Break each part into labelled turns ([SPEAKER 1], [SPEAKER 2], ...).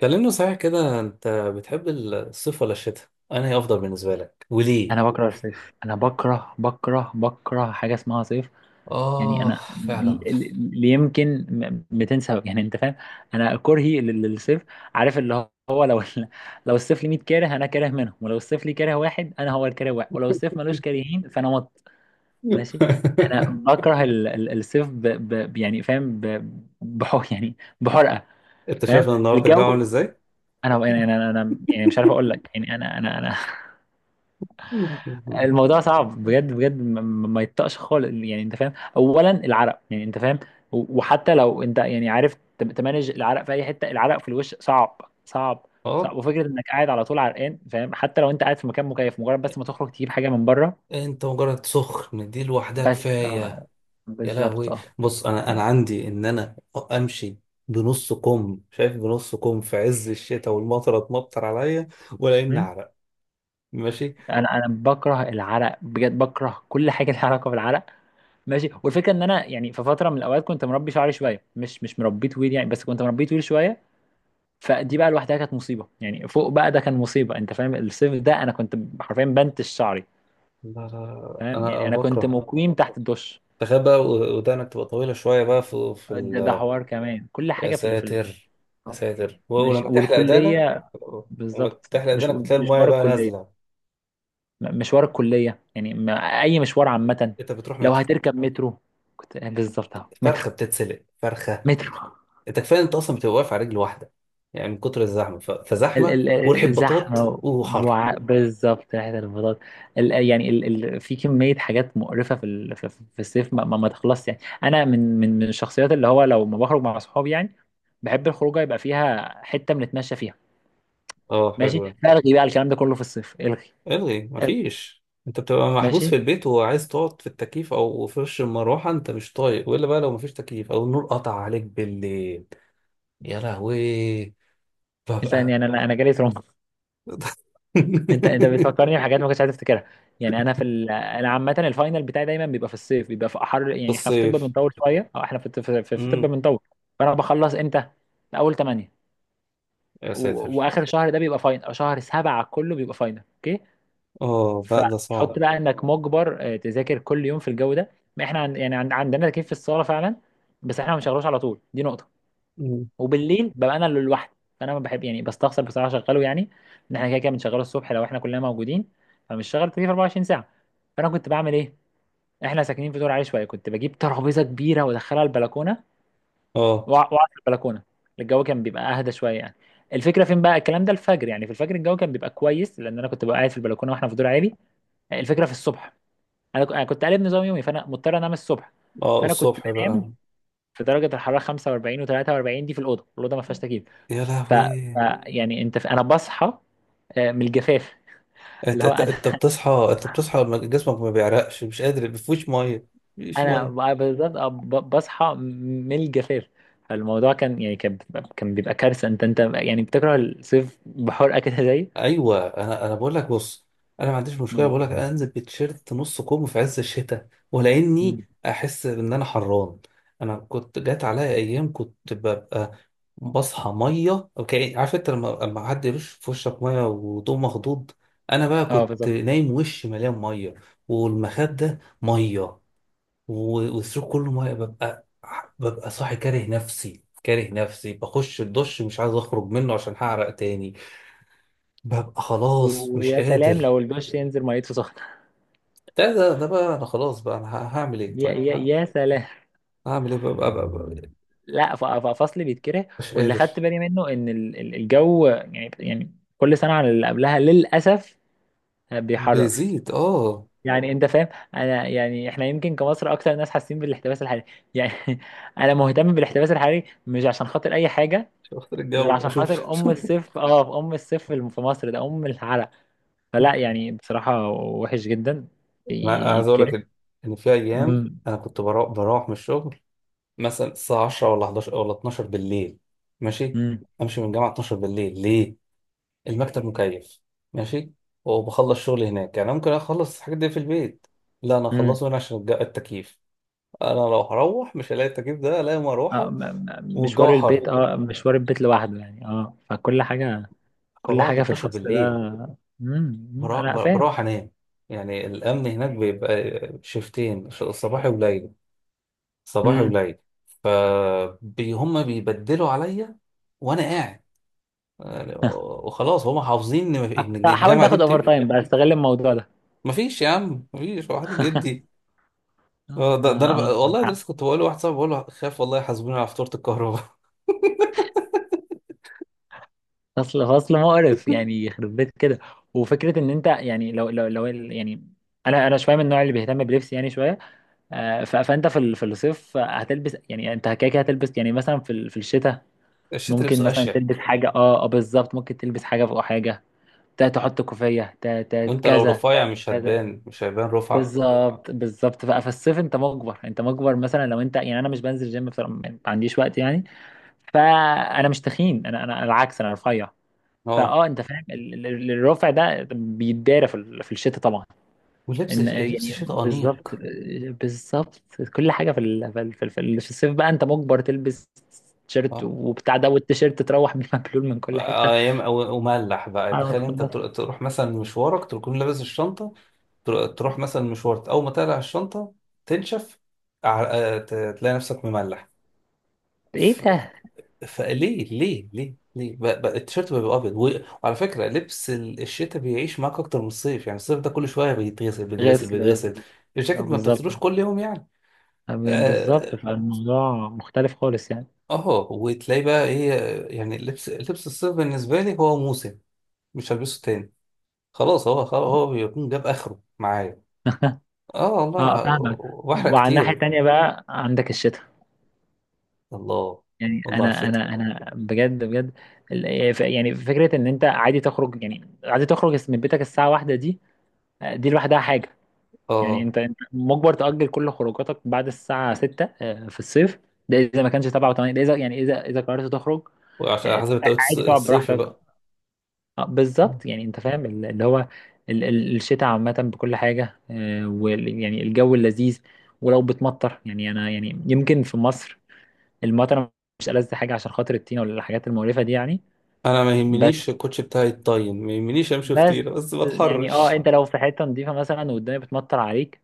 [SPEAKER 1] كلمني صحيح كده انت بتحب الصيف ولا الشتاء؟ انهي افضل بالنسبه لك؟ وليه؟
[SPEAKER 2] انا بكره الصيف. انا بكره بكره بكره حاجه اسمها صيف. يعني
[SPEAKER 1] آه،
[SPEAKER 2] انا
[SPEAKER 1] فعلا.
[SPEAKER 2] يمكن 200 سبب، يعني انت فاهم انا كرهي للصيف. عارف اللي هو، لو الصيف لي 100 كاره، انا كاره منهم، ولو الصيف لي كاره واحد، انا هو الكاره واحد، ولو الصيف ملوش كارهين فانا ماشي. انا بكره الصيف ب ب يعني فاهم، بحر، يعني بحرقه.
[SPEAKER 1] انت
[SPEAKER 2] فاهم
[SPEAKER 1] شايف ان النهارده الجو عامل
[SPEAKER 2] الجو.
[SPEAKER 1] ازاي؟
[SPEAKER 2] انا انا يعني مش عارف اقول لك، يعني انا الموضوع صعب بجد بجد. ما يطقش خالص، يعني انت فاهم. اولا العرق، يعني انت فاهم، وحتى لو انت يعني عارف تمانج العرق في اي حته، العرق في الوش صعب، صعب
[SPEAKER 1] اه.
[SPEAKER 2] صعب، وفكره انك قاعد على طول عرقان، فاهم، حتى لو انت قاعد في مكان مكيف، مجرد بس ما تخرج تجيب حاجه من بره.
[SPEAKER 1] انت مجرد سخن دي لوحدها
[SPEAKER 2] بس
[SPEAKER 1] كفايه.
[SPEAKER 2] اه،
[SPEAKER 1] يا
[SPEAKER 2] بالظبط
[SPEAKER 1] لهوي.
[SPEAKER 2] اه.
[SPEAKER 1] بص، انا
[SPEAKER 2] يعني-
[SPEAKER 1] عندي ان انا امشي بنص كم، شايف بنص كم في عز الشتاء والمطره تمطر عليا ولا اني
[SPEAKER 2] مم.
[SPEAKER 1] اعرق. ماشي.
[SPEAKER 2] انا انا بكره العرق بجد، بكره كل حاجه لها علاقه بالعرق. ماشي. والفكره ان انا يعني في فتره من الاوقات كنت مربي شعري شويه، مش مربيه طويل يعني، بس كنت مربيه طويل شويه. فدي بقى لوحدها كانت مصيبه، يعني فوق بقى ده كان مصيبه. انت فاهم الصيف ده انا كنت حرفيا بنتش شعري.
[SPEAKER 1] لا لا لا،
[SPEAKER 2] فاهم،
[SPEAKER 1] انا
[SPEAKER 2] يعني
[SPEAKER 1] انا
[SPEAKER 2] انا كنت
[SPEAKER 1] بكره.
[SPEAKER 2] مقيم تحت الدش.
[SPEAKER 1] تخيل بقى ودانك تبقى طويلة شوية بقى في في
[SPEAKER 2] ده
[SPEAKER 1] ال...
[SPEAKER 2] حوار كمان. كل
[SPEAKER 1] يا
[SPEAKER 2] حاجه
[SPEAKER 1] ساتر، يا ساتر،
[SPEAKER 2] مش
[SPEAKER 1] ولما تحلق دانك،
[SPEAKER 2] والكليه.
[SPEAKER 1] لما
[SPEAKER 2] بالظبط
[SPEAKER 1] تحلق
[SPEAKER 2] مش
[SPEAKER 1] دانك وتلاقي المايه
[SPEAKER 2] مشوار
[SPEAKER 1] بقى
[SPEAKER 2] الكليه.
[SPEAKER 1] نازلة.
[SPEAKER 2] مشوار الكليه يعني، اي مشوار عامه.
[SPEAKER 1] انت بتروح
[SPEAKER 2] لو
[SPEAKER 1] مترو؟
[SPEAKER 2] هتركب مترو كنت بالظبط اهو مترو
[SPEAKER 1] فرخة بتتسلق فرخة.
[SPEAKER 2] مترو.
[SPEAKER 1] انت كفاية انت اصلا بتبقى واقف على رجل واحدة يعني من كتر الزحمة فزحمة
[SPEAKER 2] ال
[SPEAKER 1] وريحة
[SPEAKER 2] ال
[SPEAKER 1] بطاط
[SPEAKER 2] زحمة،
[SPEAKER 1] وحر.
[SPEAKER 2] بالظبط ريحة البطاطا. ال يعني ال ال في كمية حاجات مقرفة في ال في في الصيف ما تخلصش. يعني أنا من الشخصيات اللي هو لو ما بخرج مع صحابي يعني بحب الخروجة يبقى فيها حتة بنتمشى فيها.
[SPEAKER 1] اه،
[SPEAKER 2] ماشي.
[SPEAKER 1] حلو ده.
[SPEAKER 2] فألغي بقى الكلام ده كله في الصيف.
[SPEAKER 1] الغي،
[SPEAKER 2] إلغي.
[SPEAKER 1] مفيش. انت بتبقى محبوس
[SPEAKER 2] ماشي.
[SPEAKER 1] في البيت وعايز تقعد في التكييف او في وش المروحة، انت مش طايق، والا بقى لو مفيش تكييف او النور قطع عليك بالليل. يا لهوي.
[SPEAKER 2] إنسان
[SPEAKER 1] ببقى
[SPEAKER 2] يعني، أنا جالي ترومبا. انت
[SPEAKER 1] في
[SPEAKER 2] بتفكرني بحاجات ما كنتش عايز افتكرها. يعني انا انا عامه الفاينل بتاعي دايما بيبقى في الصيف، بيبقى في حر، يعني احنا في طب
[SPEAKER 1] الصيف.
[SPEAKER 2] بنطول شويه. او احنا في طب
[SPEAKER 1] امم
[SPEAKER 2] بنطول. فانا بخلص امتى؟ في اول 8،
[SPEAKER 1] يا ساتر.
[SPEAKER 2] واخر شهر ده بيبقى فاينل، او شهر 7 كله بيبقى فاينل. اوكي،
[SPEAKER 1] اه لا، ده صعب.
[SPEAKER 2] فحط بقى انك مجبر، آه، تذاكر كل يوم في الجو ده. ما احنا عندنا تكييف في الصاله فعلا، بس احنا ما بنشغلوش على طول، دي نقطه.
[SPEAKER 1] مم.
[SPEAKER 2] وبالليل ببقى انا اللي لوحدي، فانا ما بحب يعني، بستخسر بصراحه اشغله يعني، ان احنا كده كده بنشغله الصبح لو احنا كلنا موجودين. فمش شغال التكييف 24 ساعه. فانا كنت بعمل ايه؟ احنا ساكنين في دور عالي شويه، كنت بجيب ترابيزه كبيره وادخلها البلكونه،
[SPEAKER 1] اه،
[SPEAKER 2] واقعد في البلكونه. الجو كان بيبقى اهدى شويه يعني. الفكره فين بقى الكلام ده؟ الفجر، يعني في الفجر الجو كان بيبقى كويس، لان انا كنت ببقى قاعد في البلكونه واحنا في دور عالي. الفكره في الصبح، انا أنا كنت قالب نظام يومي، فانا مضطر انام الصبح.
[SPEAKER 1] اه،
[SPEAKER 2] فانا كنت
[SPEAKER 1] الصبح بقى.
[SPEAKER 2] بنام في درجه الحراره 45 و43 دي في الاوضه، الاوضه ما فيهاش تكييف.
[SPEAKER 1] يا
[SPEAKER 2] ف
[SPEAKER 1] لهوي.
[SPEAKER 2] يعني انت انا بصحى، آه، من الجفاف. اللي
[SPEAKER 1] انت
[SPEAKER 2] هو
[SPEAKER 1] انت
[SPEAKER 2] انا
[SPEAKER 1] أنت بتصحى، جسمك ما بيعرقش، مش قادر، ما فيهوش ميه. مفيش
[SPEAKER 2] انا
[SPEAKER 1] ميه.
[SPEAKER 2] بالظبط، آه، بصحى من الجفاف. فالموضوع كان يعني، كان بيبقى كارثه. انت انت يعني بتكره الصيف بحرقه كده زي.
[SPEAKER 1] ايوه، انا بقول لك، بص، انا ما عنديش مشكله،
[SPEAKER 2] مم.
[SPEAKER 1] بقول لك انزل بتيشيرت نص كم في عز الشتاء ولا اني
[SPEAKER 2] مم.
[SPEAKER 1] احس ان انا حران. انا كنت جات عليا ايام كنت ببقى بصحى ميه، اوكي؟ عارف انت لما حد يرش في وشك ميه وتقوم مخضوض؟ انا بقى
[SPEAKER 2] اه
[SPEAKER 1] كنت
[SPEAKER 2] بالظبط.
[SPEAKER 1] نايم وشي مليان ميه، والمخاد ده ميه، والسرير كله ميه. ببقى، صاحي كاره نفسي، كاره نفسي، بخش الدش مش عايز اخرج منه عشان هعرق تاني. ببقى خلاص مش
[SPEAKER 2] ويا سلام
[SPEAKER 1] قادر.
[SPEAKER 2] لو الدش ينزل ميته سخنه
[SPEAKER 1] ده بقى انا خلاص، هعمل ايه
[SPEAKER 2] يا
[SPEAKER 1] طيب؟
[SPEAKER 2] يا يا سلام.
[SPEAKER 1] هعمل ايه بقى، بقى، بقى، بقى؟
[SPEAKER 2] لا، ففصل بيتكره.
[SPEAKER 1] مش
[SPEAKER 2] واللي
[SPEAKER 1] قادر.
[SPEAKER 2] خدت بالي منه ان الجو يعني يعني كل سنه عن اللي قبلها، للاسف بيحرر،
[SPEAKER 1] بيزيد، اه.
[SPEAKER 2] يعني انت فاهم. انا يعني احنا يمكن كمصر اكتر ناس حاسين بالاحتباس الحراري، يعني انا مهتم بالاحتباس الحراري مش عشان خاطر اي حاجه
[SPEAKER 1] شفت
[SPEAKER 2] غير
[SPEAKER 1] الجو،
[SPEAKER 2] عشان
[SPEAKER 1] اشوف.
[SPEAKER 2] خاطر ام الصيف. اه، ام الصيف في مصر ده ام العرق. فلا، يعني بصراحه وحش جدا،
[SPEAKER 1] انا عايز اقول
[SPEAKER 2] يتكره.
[SPEAKER 1] لك إن في ايام
[SPEAKER 2] امم،
[SPEAKER 1] انا كنت بروح من الشغل مثلا الساعه 10 ولا 11 ولا 12 بالليل. ماشي.
[SPEAKER 2] امم،
[SPEAKER 1] امشي من الجامعه 12 بالليل ليه؟ المكتب مكيف، ماشي، وبخلص شغلي هناك. يعني ممكن اخلص الحاجات دي في البيت، لا، انا
[SPEAKER 2] امم.
[SPEAKER 1] اخلصه هنا عشان التكييف. انا لو هروح مش هلاقي التكييف ده، الاقي
[SPEAKER 2] اه،
[SPEAKER 1] مروحه،
[SPEAKER 2] مشوار
[SPEAKER 1] والجو حر.
[SPEAKER 2] البيت، اه مشوار البيت لوحده يعني، اه فكل حاجه، كل
[SPEAKER 1] فبقعد
[SPEAKER 2] حاجه في
[SPEAKER 1] 12
[SPEAKER 2] الفصل ده.
[SPEAKER 1] بالليل،
[SPEAKER 2] امم. أمم، انا فاهم.
[SPEAKER 1] بروح انام. يعني الامن هناك بيبقى شيفتين، صباحي وليل، صباحي
[SPEAKER 2] امم.
[SPEAKER 1] وليل، فهم بيبدلوا عليا وانا قاعد، يعني، وخلاص هم حافظين ان إن
[SPEAKER 2] حاول
[SPEAKER 1] الجامعه دي
[SPEAKER 2] تاخد اوفر
[SPEAKER 1] بتمشي.
[SPEAKER 2] تايم بقى، استغل الموضوع ده.
[SPEAKER 1] مفيش يا عم، مفيش واحد بيدي. آه،
[SPEAKER 2] اه،
[SPEAKER 1] ده,
[SPEAKER 2] ما
[SPEAKER 1] ده انا
[SPEAKER 2] اه، معاك
[SPEAKER 1] والله ده لسه
[SPEAKER 2] حق.
[SPEAKER 1] كنت بقول لواحد صاحبي، بقول له خاف والله يحاسبوني على فاتوره الكهرباء.
[SPEAKER 2] فصل فصل مقرف يعني، يخرب بيت كده. وفكره ان انت يعني، لو لو يعني انا انا شويه من النوع اللي بيهتم بلبسي يعني شويه. آه، فانت في الصيف هتلبس يعني، انت كده كده هتلبس يعني مثلا في الشتاء
[SPEAKER 1] الشتا
[SPEAKER 2] ممكن
[SPEAKER 1] لبسه
[SPEAKER 2] مثلا تلبس
[SPEAKER 1] اشيك.
[SPEAKER 2] حاجه، اه اه بالظبط، ممكن تلبس حاجه فوق حاجه، تحط كوفيه،
[SPEAKER 1] وانت لو
[SPEAKER 2] كذا،
[SPEAKER 1] رفيع
[SPEAKER 2] تعمل
[SPEAKER 1] مش
[SPEAKER 2] كذا.
[SPEAKER 1] هتبان، مش هيبان رفعك.
[SPEAKER 2] بالظبط بالظبط. فالصيف انت مجبر، انت مجبر، مثلا لو انت يعني، انا مش بنزل جيم بصراحه، ما عنديش وقت يعني. فانا مش تخين، انا انا العكس، انا رفيع.
[SPEAKER 1] اه،
[SPEAKER 2] فاه انت فاهم، الرفع ده بيتدارى في الشتاء طبعا.
[SPEAKER 1] ولبس
[SPEAKER 2] ان يعني
[SPEAKER 1] شيء
[SPEAKER 2] بالظبط،
[SPEAKER 1] انيق.
[SPEAKER 2] بالظبط. كل حاجه في الصيف بقى انت مجبر تلبس تيشيرت
[SPEAKER 1] اه،
[SPEAKER 2] وبتاع ده، والتيشيرت تروح بيه مبلول من كل حته
[SPEAKER 1] آه، وملح بقى.
[SPEAKER 2] على ما
[SPEAKER 1] تخيل انت
[SPEAKER 2] تخلص.
[SPEAKER 1] تروح مثلا مشوارك تكون لابس الشنطه، تروح مثلا مشوارك، اول ما تقلع الشنطه تنشف، ع- آه، ت- تلاقي نفسك مملح.
[SPEAKER 2] ايه
[SPEAKER 1] ف...
[SPEAKER 2] ده.
[SPEAKER 1] فليه، ليه، ليه، ليه بقى التيشيرت بيبقى ابيض وعلى فكره لبس الشتاء بيعيش معاك اكتر من الصيف، يعني الصيف ده كل شويه بيتغسل، بيتغسل،
[SPEAKER 2] غسل
[SPEAKER 1] بيتغسل.
[SPEAKER 2] غسل. آه،
[SPEAKER 1] الجاكيت ما بتغسلوش
[SPEAKER 2] بالظبط.
[SPEAKER 1] كل يوم يعني.
[SPEAKER 2] آه، بالظبط،
[SPEAKER 1] آه،
[SPEAKER 2] فالموضوع مختلف خالص يعني.
[SPEAKER 1] اه وتلاقي بقى ايه؟ يعني لبس الصيف بالنسبه لي هو موسم، مش هلبسه تاني، خلاص هو، بيكون جاب اخره معايا. اه والله.
[SPEAKER 2] اه فاهمك.
[SPEAKER 1] واحرق
[SPEAKER 2] وعلى الناحيه
[SPEAKER 1] كتير.
[SPEAKER 2] التانيه بقى عندك الشتاء.
[SPEAKER 1] الله،
[SPEAKER 2] يعني
[SPEAKER 1] والله على
[SPEAKER 2] انا
[SPEAKER 1] الشتا.
[SPEAKER 2] انا انا بجد بجد يعني يعني فكره ان انت عادي تخرج، يعني عادي تخرج من بيتك الساعه واحدة دي، آه، دي لوحدها حاجه. يعني
[SPEAKER 1] اه،
[SPEAKER 2] انت انت مجبر تأجل كل خروجاتك بعد الساعه 6، آه، في الصيف. ده اذا ما كانش 7 و8. ده اذا يعني، اذا اذا قررت تخرج،
[SPEAKER 1] وعشان على
[SPEAKER 2] آه،
[SPEAKER 1] حسب التوقيت
[SPEAKER 2] عادي تقعد
[SPEAKER 1] الصيفي
[SPEAKER 2] براحتك.
[SPEAKER 1] بقى.
[SPEAKER 2] آه،
[SPEAKER 1] آه.
[SPEAKER 2] بالظبط، يعني انت فاهم ال- اللي هو الشتاء عامه بكل حاجه، آه، يعني الجو اللذيذ. ولو بتمطر يعني، انا يعني يمكن في مصر المطره مش ألذ حاجه عشان خاطر الطينه ولا الحاجات المقرفه دي يعني.
[SPEAKER 1] انا ما
[SPEAKER 2] بس،
[SPEAKER 1] يهمنيش الكوتش بتاعي يتطين، ما يهمنيش امشي في
[SPEAKER 2] بس،
[SPEAKER 1] طينه، بس ما
[SPEAKER 2] يعني اه،
[SPEAKER 1] اتحرش.
[SPEAKER 2] انت لو في حته نظيفه مثلا والدنيا بتمطر عليك،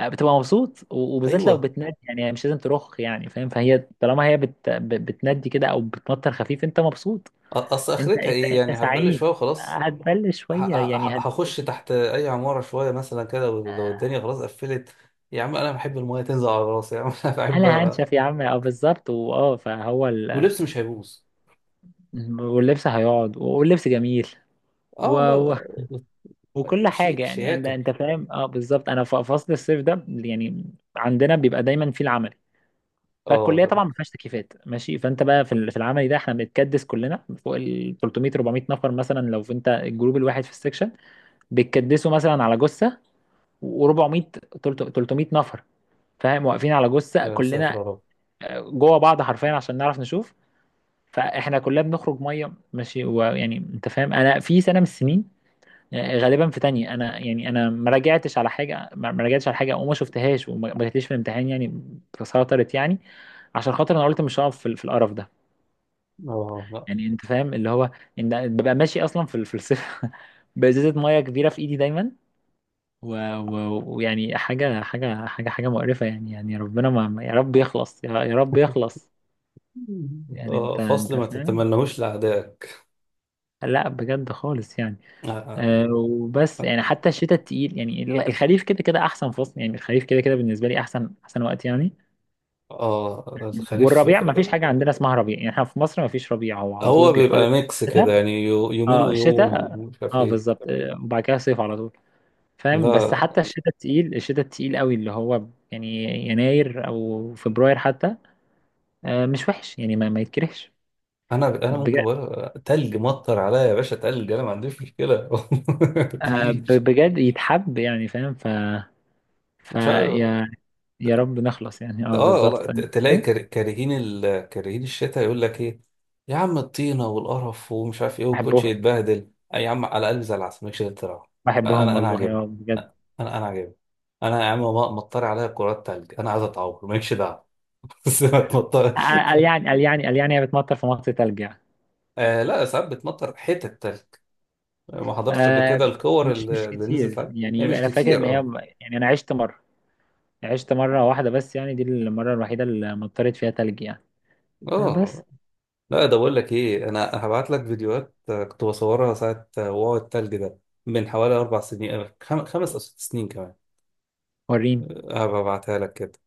[SPEAKER 2] آه، بتبقى مبسوط، وبالذات لو
[SPEAKER 1] ايوه،
[SPEAKER 2] بتنادي، يعني مش لازم ترخ، يعني فاهم، فهي طالما هي بتنادي كده، او بتمطر خفيف، انت مبسوط.
[SPEAKER 1] اصل
[SPEAKER 2] انت
[SPEAKER 1] اخرتها
[SPEAKER 2] انت
[SPEAKER 1] ايه؟
[SPEAKER 2] انت
[SPEAKER 1] يعني هتبلش
[SPEAKER 2] سعيد.
[SPEAKER 1] شويه وخلاص.
[SPEAKER 2] هتبل شويه يعني، هتبل
[SPEAKER 1] هخش
[SPEAKER 2] شويه.
[SPEAKER 1] تحت اي عماره شويه مثلا كده، ولو الدنيا خلاص قفلت، يا عم انا بحب المايه تنزل على راسي، يا عم، انا بحب.
[SPEAKER 2] انا هنشف يا عم، اه بالظبط، واه فهو
[SPEAKER 1] ولبس مش هيبوظ.
[SPEAKER 2] واللبس هيقعد، واللبس جميل.
[SPEAKER 1] اه
[SPEAKER 2] و...
[SPEAKER 1] والله.
[SPEAKER 2] وكل حاجة يعني، انت
[SPEAKER 1] شياكه.
[SPEAKER 2] انت فاهم، اه بالظبط. انا فصل الصيف ده يعني عندنا بيبقى دايما فيه العملي.
[SPEAKER 1] اه
[SPEAKER 2] فالكلية
[SPEAKER 1] ده،
[SPEAKER 2] طبعا
[SPEAKER 1] نعم.
[SPEAKER 2] ما فيهاش تكييفات، ماشي. فانت بقى في العملي ده احنا بنتكدس كلنا فوق ال 300 400 نفر مثلا، لو في انت الجروب الواحد في السكشن بيتكدسوا مثلا على جثة. و400 300 نفر، فاهم، واقفين على جثة
[SPEAKER 1] يا ساتر
[SPEAKER 2] كلنا،
[SPEAKER 1] يا رب.
[SPEAKER 2] آه، جوه بعض حرفيا عشان نعرف نشوف. فاحنا كلنا بنخرج ميه، ماشي، ويعني انت فاهم، انا في سنة من السنين، يعني غالبا في تانية، انا يعني انا ما راجعتش على حاجه، ما راجعتش على حاجه وما شفتهاش، وما ما جاتليش في الامتحان، يعني تسيطرت يعني، عشان خاطر انا قلت مش هقف في القرف ده،
[SPEAKER 1] اه لا،
[SPEAKER 2] يعني انت فاهم اللي هو ان ببقى ماشي اصلا في الصيف بازازه ميه كبيره في ايدي دايما، ويعني حاجه حاجه مقرفه يعني، يعني ربنا يا رب يخلص، يا يا رب يخلص، يعني
[SPEAKER 1] آه،
[SPEAKER 2] انت
[SPEAKER 1] فصل
[SPEAKER 2] انت
[SPEAKER 1] ما
[SPEAKER 2] فاهم.
[SPEAKER 1] تتمنهوش لأعدائك.
[SPEAKER 2] لا بجد خالص يعني.
[SPEAKER 1] آه، آه.
[SPEAKER 2] آه، وبس يعني حتى الشتاء التقيل يعني. الخريف كده كده احسن فصل، يعني الخريف كده كده بالنسبه لي احسن احسن وقت يعني.
[SPEAKER 1] آه، الخريف،
[SPEAKER 2] والربيع ما فيش
[SPEAKER 1] آه.
[SPEAKER 2] حاجه عندنا اسمها ربيع، يعني احنا في مصر ما فيش ربيع، هو على طول
[SPEAKER 1] هو
[SPEAKER 2] بيخلص.
[SPEAKER 1] بيبقى ميكس كده،
[SPEAKER 2] الشتاء.
[SPEAKER 1] يعني يومين
[SPEAKER 2] اه
[SPEAKER 1] ويوم
[SPEAKER 2] الشتاء،
[SPEAKER 1] مش عارف
[SPEAKER 2] اه
[SPEAKER 1] ايه.
[SPEAKER 2] بالظبط، آه، وبعد كده صيف على طول، فاهم. بس
[SPEAKER 1] لا،
[SPEAKER 2] حتى الشتاء التقيل، الشتاء التقيل قوي اللي هو يعني يناير او فبراير حتى، آه، مش وحش يعني، ما يتكرهش.
[SPEAKER 1] انا ممكن
[SPEAKER 2] بجد،
[SPEAKER 1] بقول تلج مطر عليا يا باشا، تلج، انا ما عنديش مشكله.
[SPEAKER 2] آه،
[SPEAKER 1] مفيش.
[SPEAKER 2] بجد يتحب يعني فاهم، ف
[SPEAKER 1] مش
[SPEAKER 2] فيا
[SPEAKER 1] عارف.
[SPEAKER 2] يا رب نخلص يعني، اه
[SPEAKER 1] اه والله،
[SPEAKER 2] بالظبط. أيوة.
[SPEAKER 1] تلاقي كار- كارهين ال... كارهين الشتاء يقول لك ايه، يا عم، الطينه والقرف ومش عارف ايه، والكوتش
[SPEAKER 2] بحبهم،
[SPEAKER 1] يتبهدل. آه يا عم، على الاقل زي العسل، مالكش غير تروح.
[SPEAKER 2] بحبهم
[SPEAKER 1] انا
[SPEAKER 2] والله،
[SPEAKER 1] عاجبني،
[SPEAKER 2] اه بجد.
[SPEAKER 1] انا عاجبني. انا يا عم، مطر عليا كرات تلج، انا عايز اتعور مالكش دعوه، بس ما تمطر.
[SPEAKER 2] قال يعني، قال يعني، قال يعني هي بتمطر في مصر تلج يعني.
[SPEAKER 1] آه لا، ساعات بتمطر حتت تلج. ما حضرتش قبل
[SPEAKER 2] آه،
[SPEAKER 1] كده الكور
[SPEAKER 2] مش مش
[SPEAKER 1] اللي نزلت
[SPEAKER 2] كتير
[SPEAKER 1] عليها؟ هي
[SPEAKER 2] يعني،
[SPEAKER 1] مش
[SPEAKER 2] انا فاكر ان
[SPEAKER 1] كتير،
[SPEAKER 2] هي
[SPEAKER 1] آه.
[SPEAKER 2] يعني انا عشت مره، عشت مره واحده بس يعني، دي المره الوحيده اللي مطرت فيها تلج يعني. آه بس.
[SPEAKER 1] اه لا، ده بقول لك ايه، انا هبعت لك فيديوهات، آه، كنت بصورها ساعه، آه، وقوع التلج ده، من حوالي اربع سنين، آه، خمس او ست سنين كمان.
[SPEAKER 2] وريني.
[SPEAKER 1] هبعتها لك كده.